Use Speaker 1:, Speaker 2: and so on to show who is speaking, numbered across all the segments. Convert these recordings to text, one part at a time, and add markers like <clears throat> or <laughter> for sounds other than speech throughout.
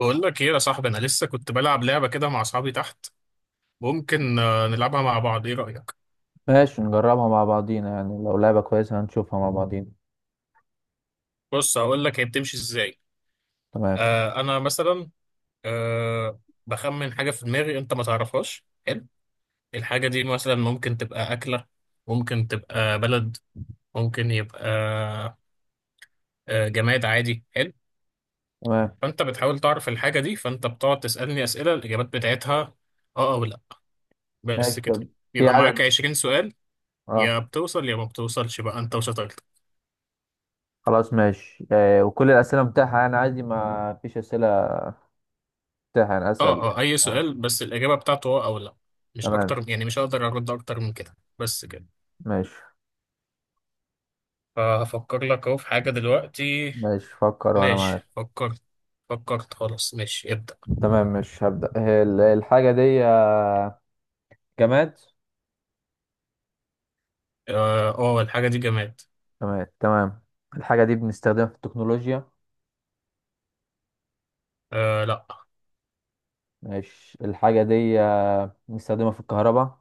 Speaker 1: بقول لك ايه يا صاحبي. انا لسه كنت بلعب لعبه كده مع اصحابي تحت. ممكن نلعبها مع بعض، ايه رايك؟
Speaker 2: ماشي، نجربها مع بعضينا، يعني لو لعبة كويسة هنشوفها مع بعضينا.
Speaker 1: بص، هقول لك هي بتمشي ازاي.
Speaker 2: تمام.
Speaker 1: انا مثلا آه بخمن حاجه في دماغي انت ما تعرفهاش. حلو، الحاجه دي مثلا ممكن تبقى اكله، ممكن تبقى بلد، ممكن يبقى جماد عادي. حلو.
Speaker 2: تمام
Speaker 1: فانت بتحاول تعرف الحاجه دي، فانت بتقعد تسالني اسئله، الاجابات بتاعتها اه او لا، بس
Speaker 2: ماشي
Speaker 1: كده.
Speaker 2: طب. في
Speaker 1: يبقى معاك
Speaker 2: عدد؟
Speaker 1: 20 سؤال،
Speaker 2: اه.
Speaker 1: يا بتوصل يا ما بتوصلش بقى انت وشطارتك.
Speaker 2: خلاص ماشي، وكل الأسئلة متاحة، يعني عادي، ما فيش أسئلة متاحة، يعني أسأل.
Speaker 1: اه، اي
Speaker 2: آه.
Speaker 1: سؤال بس الاجابه بتاعته اه او لا، مش
Speaker 2: تمام
Speaker 1: اكتر يعني. مش هقدر ارد اكتر من كده، بس كده.
Speaker 2: ماشي.
Speaker 1: فهفكر لك اهو في حاجه دلوقتي.
Speaker 2: ماشي، فكر وأنا معاك.
Speaker 1: ماشي، فكرت خلاص، ماشي ابدا.
Speaker 2: تمام، مش هبدأ. هي الحاجة دي جماد؟
Speaker 1: اه، الحاجه دي جماد.
Speaker 2: جماد تمام. الحاجة دي بنستخدمها في التكنولوجيا؟
Speaker 1: آه لا.
Speaker 2: ماشي. الحاجة دي بنستخدمها في الكهرباء؟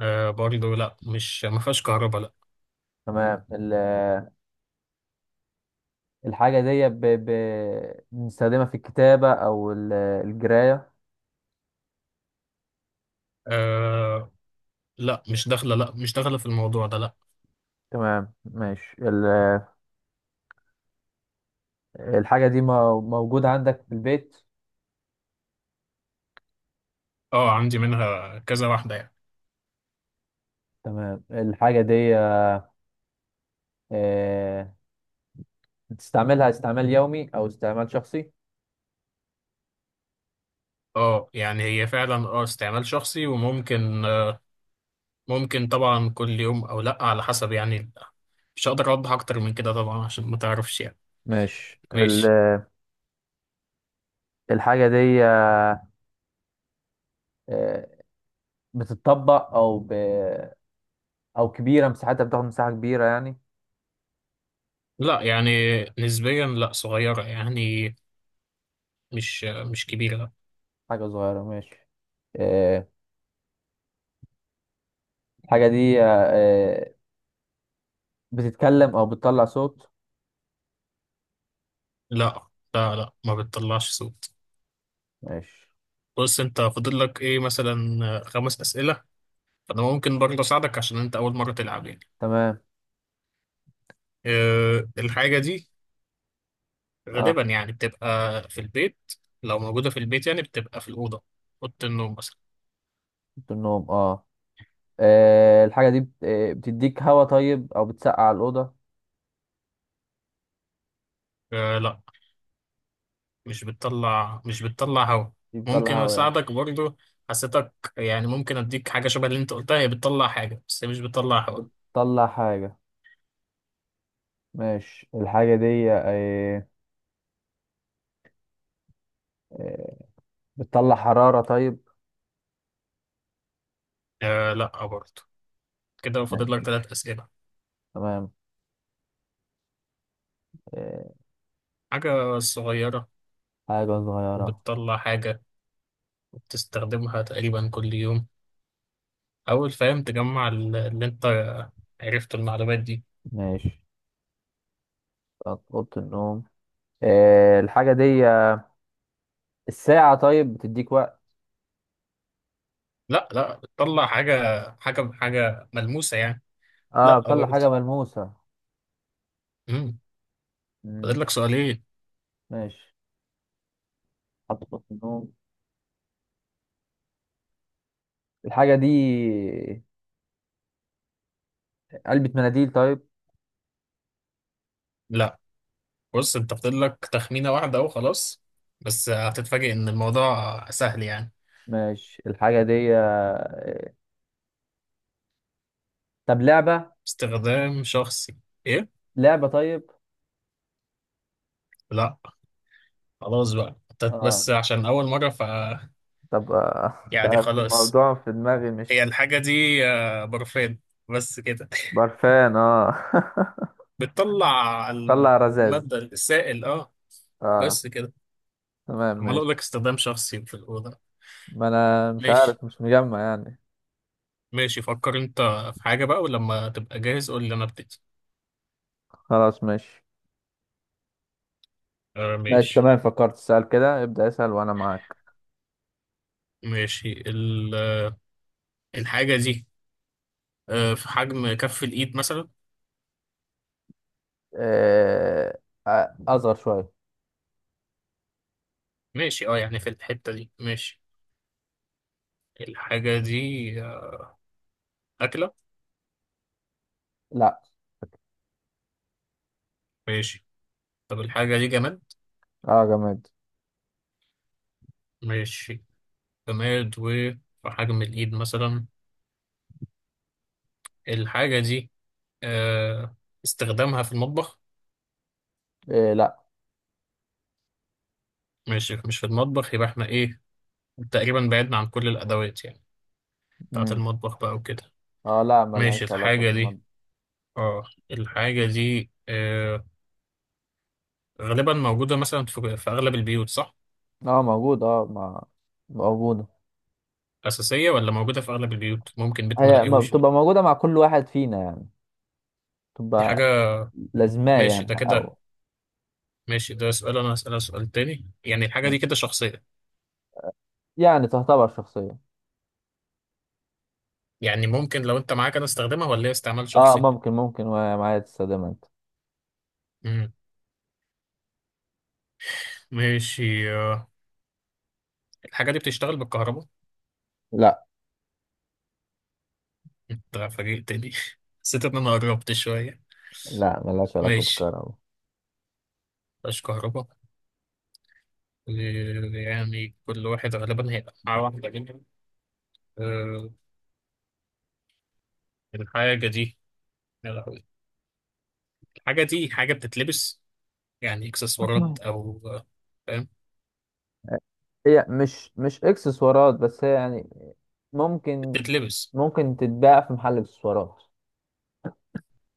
Speaker 1: آه برضه لا، مش ما فيهاش كهرباء لا.
Speaker 2: تمام. الحاجة دي بنستخدمها في الكتابة، أو الجراية؟
Speaker 1: آه لا، مش داخله في الموضوع ده لا.
Speaker 2: تمام ماشي الحاجة دي موجودة عندك في البيت؟
Speaker 1: اه، عندي منها كذا واحده يعني.
Speaker 2: تمام. الحاجة دي آه، بتستعملها استعمال يومي أو استعمال شخصي؟
Speaker 1: اه يعني هي فعلا اه استعمال شخصي، وممكن ممكن طبعا كل يوم او لا، على حسب يعني. مش هقدر اوضح اكتر من كده طبعا عشان ما تعرفش يعني.
Speaker 2: ماشي
Speaker 1: ماشي.
Speaker 2: الحاجة دي بتتطبق أو أو كبيرة، مساحتها بتاخد مساحة كبيرة يعني؟
Speaker 1: لا يعني نسبيا لا، صغيرة يعني، مش كبيرة.
Speaker 2: حاجة صغيرة ماشي. آه، الحاجة دي آه، بتتكلم أو بتطلع صوت؟
Speaker 1: لا لا لا لا، ما بتطلعش صوت.
Speaker 2: ماشي
Speaker 1: بص، انت فاضل لك ايه مثلا؟ خمس اسئلة. فانا ممكن برضه اساعدك عشان انت اول مرة تلعب يعني.
Speaker 2: تمام.
Speaker 1: أه، الحاجة دي
Speaker 2: آه.
Speaker 1: غالبا يعني بتبقى في البيت. لو موجودة في البيت يعني بتبقى في الأوضة، أوضة النوم مثلا.
Speaker 2: في النوم، اه. الحاجة دي بتديك هوا طيب، او بتسقع الأوضة؟
Speaker 1: أه لا، مش بتطلع هوا.
Speaker 2: دي بتطلع
Speaker 1: ممكن
Speaker 2: هوا يعني.
Speaker 1: اساعدك برضو، حسيتك يعني ممكن اديك حاجه شبه اللي انت قلتها. هي بتطلع حاجه بس هي مش بتطلع هوا.
Speaker 2: بتطلع حاجة ماشي. الحاجة دي آه، بتطلع حرارة طيب؟
Speaker 1: آه لا برضو. كده فاضل لك
Speaker 2: ماشي
Speaker 1: ثلاث اسئله.
Speaker 2: تمام. آه،
Speaker 1: حاجه صغيره،
Speaker 2: حاجة صغيرة
Speaker 1: وبتطلع حاجه، وبتستخدمها تقريبا كل يوم، اول فاهم تجمع اللي انت عرفت المعلومات دي.
Speaker 2: ماشي. بتاعت أوضة النوم. الحاجة دي الساعة طيب، بتديك وقت؟
Speaker 1: لا لا، بتطلع حاجه، حاجه ملموسه يعني.
Speaker 2: اه،
Speaker 1: لا
Speaker 2: بتطلع
Speaker 1: برضو.
Speaker 2: حاجة ملموسة؟
Speaker 1: امم،
Speaker 2: مم.
Speaker 1: فاضل لك سؤالين.
Speaker 2: ماشي، حط في أوضة النوم. الحاجة دي علبة مناديل طيب؟
Speaker 1: لا. بص، انت فاضل لك تخمينة واحدة اهو، خلاص. بس هتتفاجئ ان الموضوع سهل يعني.
Speaker 2: ماشي. الحاجة دي طب لعبة؟
Speaker 1: استخدام شخصي. ايه؟
Speaker 2: لعبة طيب.
Speaker 1: لا. خلاص بقى انت،
Speaker 2: اه.
Speaker 1: بس عشان اول مرة ف...
Speaker 2: طب <laughs> مش
Speaker 1: يعني
Speaker 2: عارف،
Speaker 1: خلاص،
Speaker 2: الموضوع في دماغي
Speaker 1: هي
Speaker 2: مش...
Speaker 1: الحاجة دي برفان، بس كده.
Speaker 2: برفان، اه.
Speaker 1: <laughs> بتطلع
Speaker 2: <laughs> طلع رزاز.
Speaker 1: المادة السائل اه.
Speaker 2: اه.
Speaker 1: بس كده.
Speaker 2: تمام
Speaker 1: عمال اقول لك
Speaker 2: ماشي.
Speaker 1: استخدام شخصي في الأوضة.
Speaker 2: ما انا مش
Speaker 1: ماشي.
Speaker 2: عارف، مش مجمع يعني.
Speaker 1: ماشي فكر انت في حاجة بقى، ولما تبقى جاهز قول لي انا ابتدي.
Speaker 2: خلاص ماشي.
Speaker 1: آه
Speaker 2: ماشي
Speaker 1: ماشي.
Speaker 2: تمام، فكرت. اسال كده، ابدأ اسأل وانا معاك.
Speaker 1: ماشي الحاجة دي في حجم كف الإيد مثلا.
Speaker 2: آه. اصغر شوية.
Speaker 1: ماشي، اه يعني في الحتة دي ماشي. الحاجة دي أكلة؟
Speaker 2: لا.
Speaker 1: ماشي. طب الحاجة دي جماد؟
Speaker 2: اه، جماد.
Speaker 1: ماشي، جماد وفي حجم الإيد مثلا. الحاجة دي آه، استخدامها في المطبخ؟
Speaker 2: إيه لا.
Speaker 1: ماشي، مش في المطبخ، يبقى احنا إيه، تقريبا بعدنا عن كل الأدوات يعني بتاعة
Speaker 2: مم.
Speaker 1: المطبخ بقى وكده.
Speaker 2: اه لا،
Speaker 1: ماشي،
Speaker 2: ملهاش علاقة
Speaker 1: الحاجة دي
Speaker 2: بالمادة.
Speaker 1: اه، الحاجة دي غالبا موجودة مثلا في أغلب البيوت صح؟
Speaker 2: اه موجودة، اه ما موجودة.
Speaker 1: أساسية ولا موجودة في أغلب البيوت؟ ممكن بيت
Speaker 2: هي ما
Speaker 1: ملاقيهوش.
Speaker 2: بتبقى موجودة مع كل واحد فينا يعني،
Speaker 1: دي
Speaker 2: تبقى
Speaker 1: حاجة.
Speaker 2: لازماه
Speaker 1: ماشي
Speaker 2: يعني،
Speaker 1: ده كده.
Speaker 2: او
Speaker 1: ماشي، ده سؤال أنا هسألها. سؤال تاني يعني، الحاجة دي كده شخصية،
Speaker 2: يعني تعتبر شخصية.
Speaker 1: يعني ممكن لو أنت معاك أنا استخدمها ولا هي استعمال
Speaker 2: اه
Speaker 1: شخصي؟
Speaker 2: ممكن، ومعايا تستخدمها انت.
Speaker 1: مم. ماشي، الحاجة دي بتشتغل بالكهرباء؟
Speaker 2: لا.
Speaker 1: أنت فاجئتني. <laughs> حسيت إن أنا قربت شوية.
Speaker 2: لا، ملهاش علاقة
Speaker 1: ماشي،
Speaker 2: بالكهرباء.
Speaker 1: مفيهاش كهرباء. آه، يعني كل واحد غالبا هيبقى معاه واحدة منهم. آه، الحاجة دي يا لهوي. الحاجة دي حاجة بتتلبس، يعني إكسسوارات
Speaker 2: <clears throat>
Speaker 1: أو فاهم؟
Speaker 2: <laughs> هي مش اكسسوارات، بس هي يعني ممكن.
Speaker 1: بتتلبس.
Speaker 2: ممكن تتباع في محل اكسسوارات.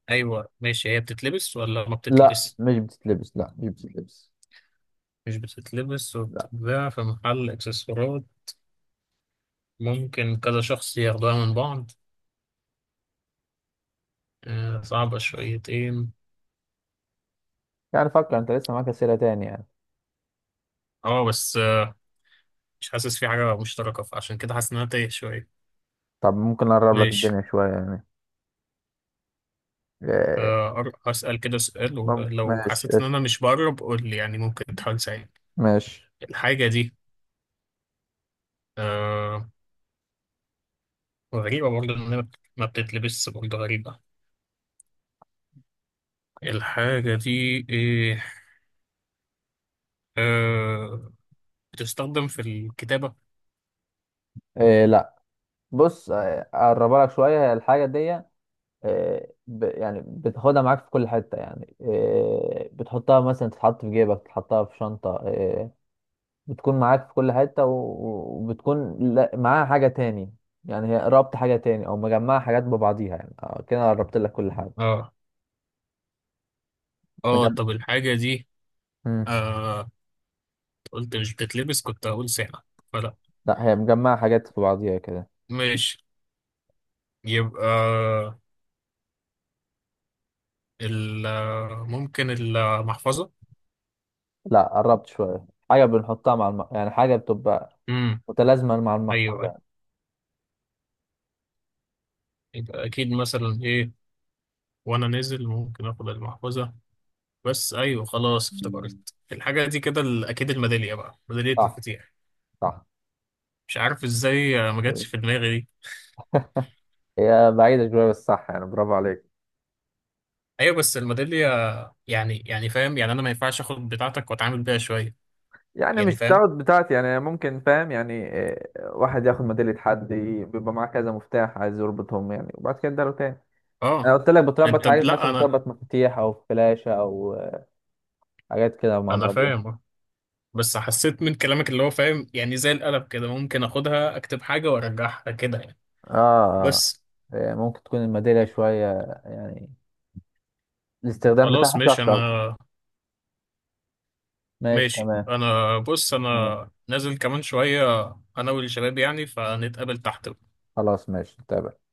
Speaker 1: أيوه ماشي، هي بتتلبس ولا ما
Speaker 2: لا
Speaker 1: بتتلبس؟
Speaker 2: مش بتتلبس، لا مش بتتلبس.
Speaker 1: مش بتتلبس،
Speaker 2: لا.
Speaker 1: وبتتباع في محل اكسسوارات. ممكن كذا شخص ياخدوها من بعض. صعبة شويتين.
Speaker 2: يعني فكر انت، لسه معاك اسئله تاني يعني.
Speaker 1: اه بس مش حاسس في حاجة مشتركة، فعشان كده حاسس ان انا تايه شوية.
Speaker 2: طب ممكن اقرب لك
Speaker 1: ماشي
Speaker 2: الدنيا شويه يعني. إيه،
Speaker 1: هسأل كده سؤال، ولو
Speaker 2: ماشي
Speaker 1: حسيت ان
Speaker 2: اسف.
Speaker 1: انا مش بقرب قول لي يعني، ممكن تحاول تساعدني.
Speaker 2: ماشي.
Speaker 1: الحاجة دي آه، غريبة برضه ان هي ما بتتلبس، برضه غريبة. الحاجة دي ايه، آه، بتستخدم في الكتابة؟
Speaker 2: إيه لا. بص، اقربها لك شويه الحاجه دي. يعني بتاخدها معاك في كل حتة يعني، بتحطها مثلا، تتحط في جيبك، تحطها في شنطة. بتكون معاك في كل حتة وبتكون معاها حاجة تاني. يعني هي ربط حاجة تاني، أو مجمعة حاجات ببعضيها يعني. كده قربت لك كل حاجة.
Speaker 1: اه اه،
Speaker 2: مجمع.
Speaker 1: طب الحاجة دي
Speaker 2: مم.
Speaker 1: آه، قلت مش بتتلبس كنت هقول ساعة، فلا.
Speaker 2: لا، هي مجمعة حاجات في بعضيها كده.
Speaker 1: ماشي، يبقى ال، ممكن المحفظة.
Speaker 2: لا، قربت شوية. حاجة بنحطها مع يعني حاجة بتبقى
Speaker 1: امم،
Speaker 2: متلازمة مع
Speaker 1: ايوه أيوة.
Speaker 2: المحفظة
Speaker 1: يبقى اكيد مثلا ايه، وانا نازل ممكن اخد المحفظة، بس ايوه خلاص
Speaker 2: يعني.
Speaker 1: افتكرت. الحاجة دي كده اكيد الميدالية بقى، ميدالية
Speaker 2: صح.
Speaker 1: مفاتيح.
Speaker 2: صح.
Speaker 1: مش عارف ازاي ما جاتش في دماغي دي.
Speaker 2: هي بعيدة شوية بس صح يعني، برافو عليك.
Speaker 1: ايوه بس الميدالية، يعني فاهم يعني، انا ما ينفعش اخد بتاعتك واتعامل بيها شوية؟
Speaker 2: يعني
Speaker 1: يعني
Speaker 2: مش
Speaker 1: فاهم.
Speaker 2: تاخد بتاعتي يعني ممكن، فاهم يعني؟ واحد ياخد ميدالية حد، بيبقى معاه كذا مفتاح عايز يربطهم يعني، وبعد كده اداله تاني.
Speaker 1: اه
Speaker 2: انا قلت لك بتربط
Speaker 1: انت.
Speaker 2: حاجات،
Speaker 1: لا
Speaker 2: مثلا
Speaker 1: انا
Speaker 2: بتربط مفاتيح او فلاشة او حاجات كده مع
Speaker 1: انا
Speaker 2: بعضيها.
Speaker 1: فاهم، بس حسيت من كلامك اللي هو فاهم يعني، زي القلم كده، ممكن اخدها اكتب حاجة وارجعها كده يعني،
Speaker 2: اه، اه.
Speaker 1: بس.
Speaker 2: ممكن تكون الميدالية شوية يعني الاستخدام
Speaker 1: خلاص
Speaker 2: بتاعها
Speaker 1: ماشي
Speaker 2: شخص اكتر.
Speaker 1: انا.
Speaker 2: ماشي
Speaker 1: ماشي،
Speaker 2: تمام.
Speaker 1: انا بص
Speaker 2: تمام.
Speaker 1: انا نازل كمان شوية، انا والشباب يعني، فنتقابل تحت
Speaker 2: خلاص ماشي تمام.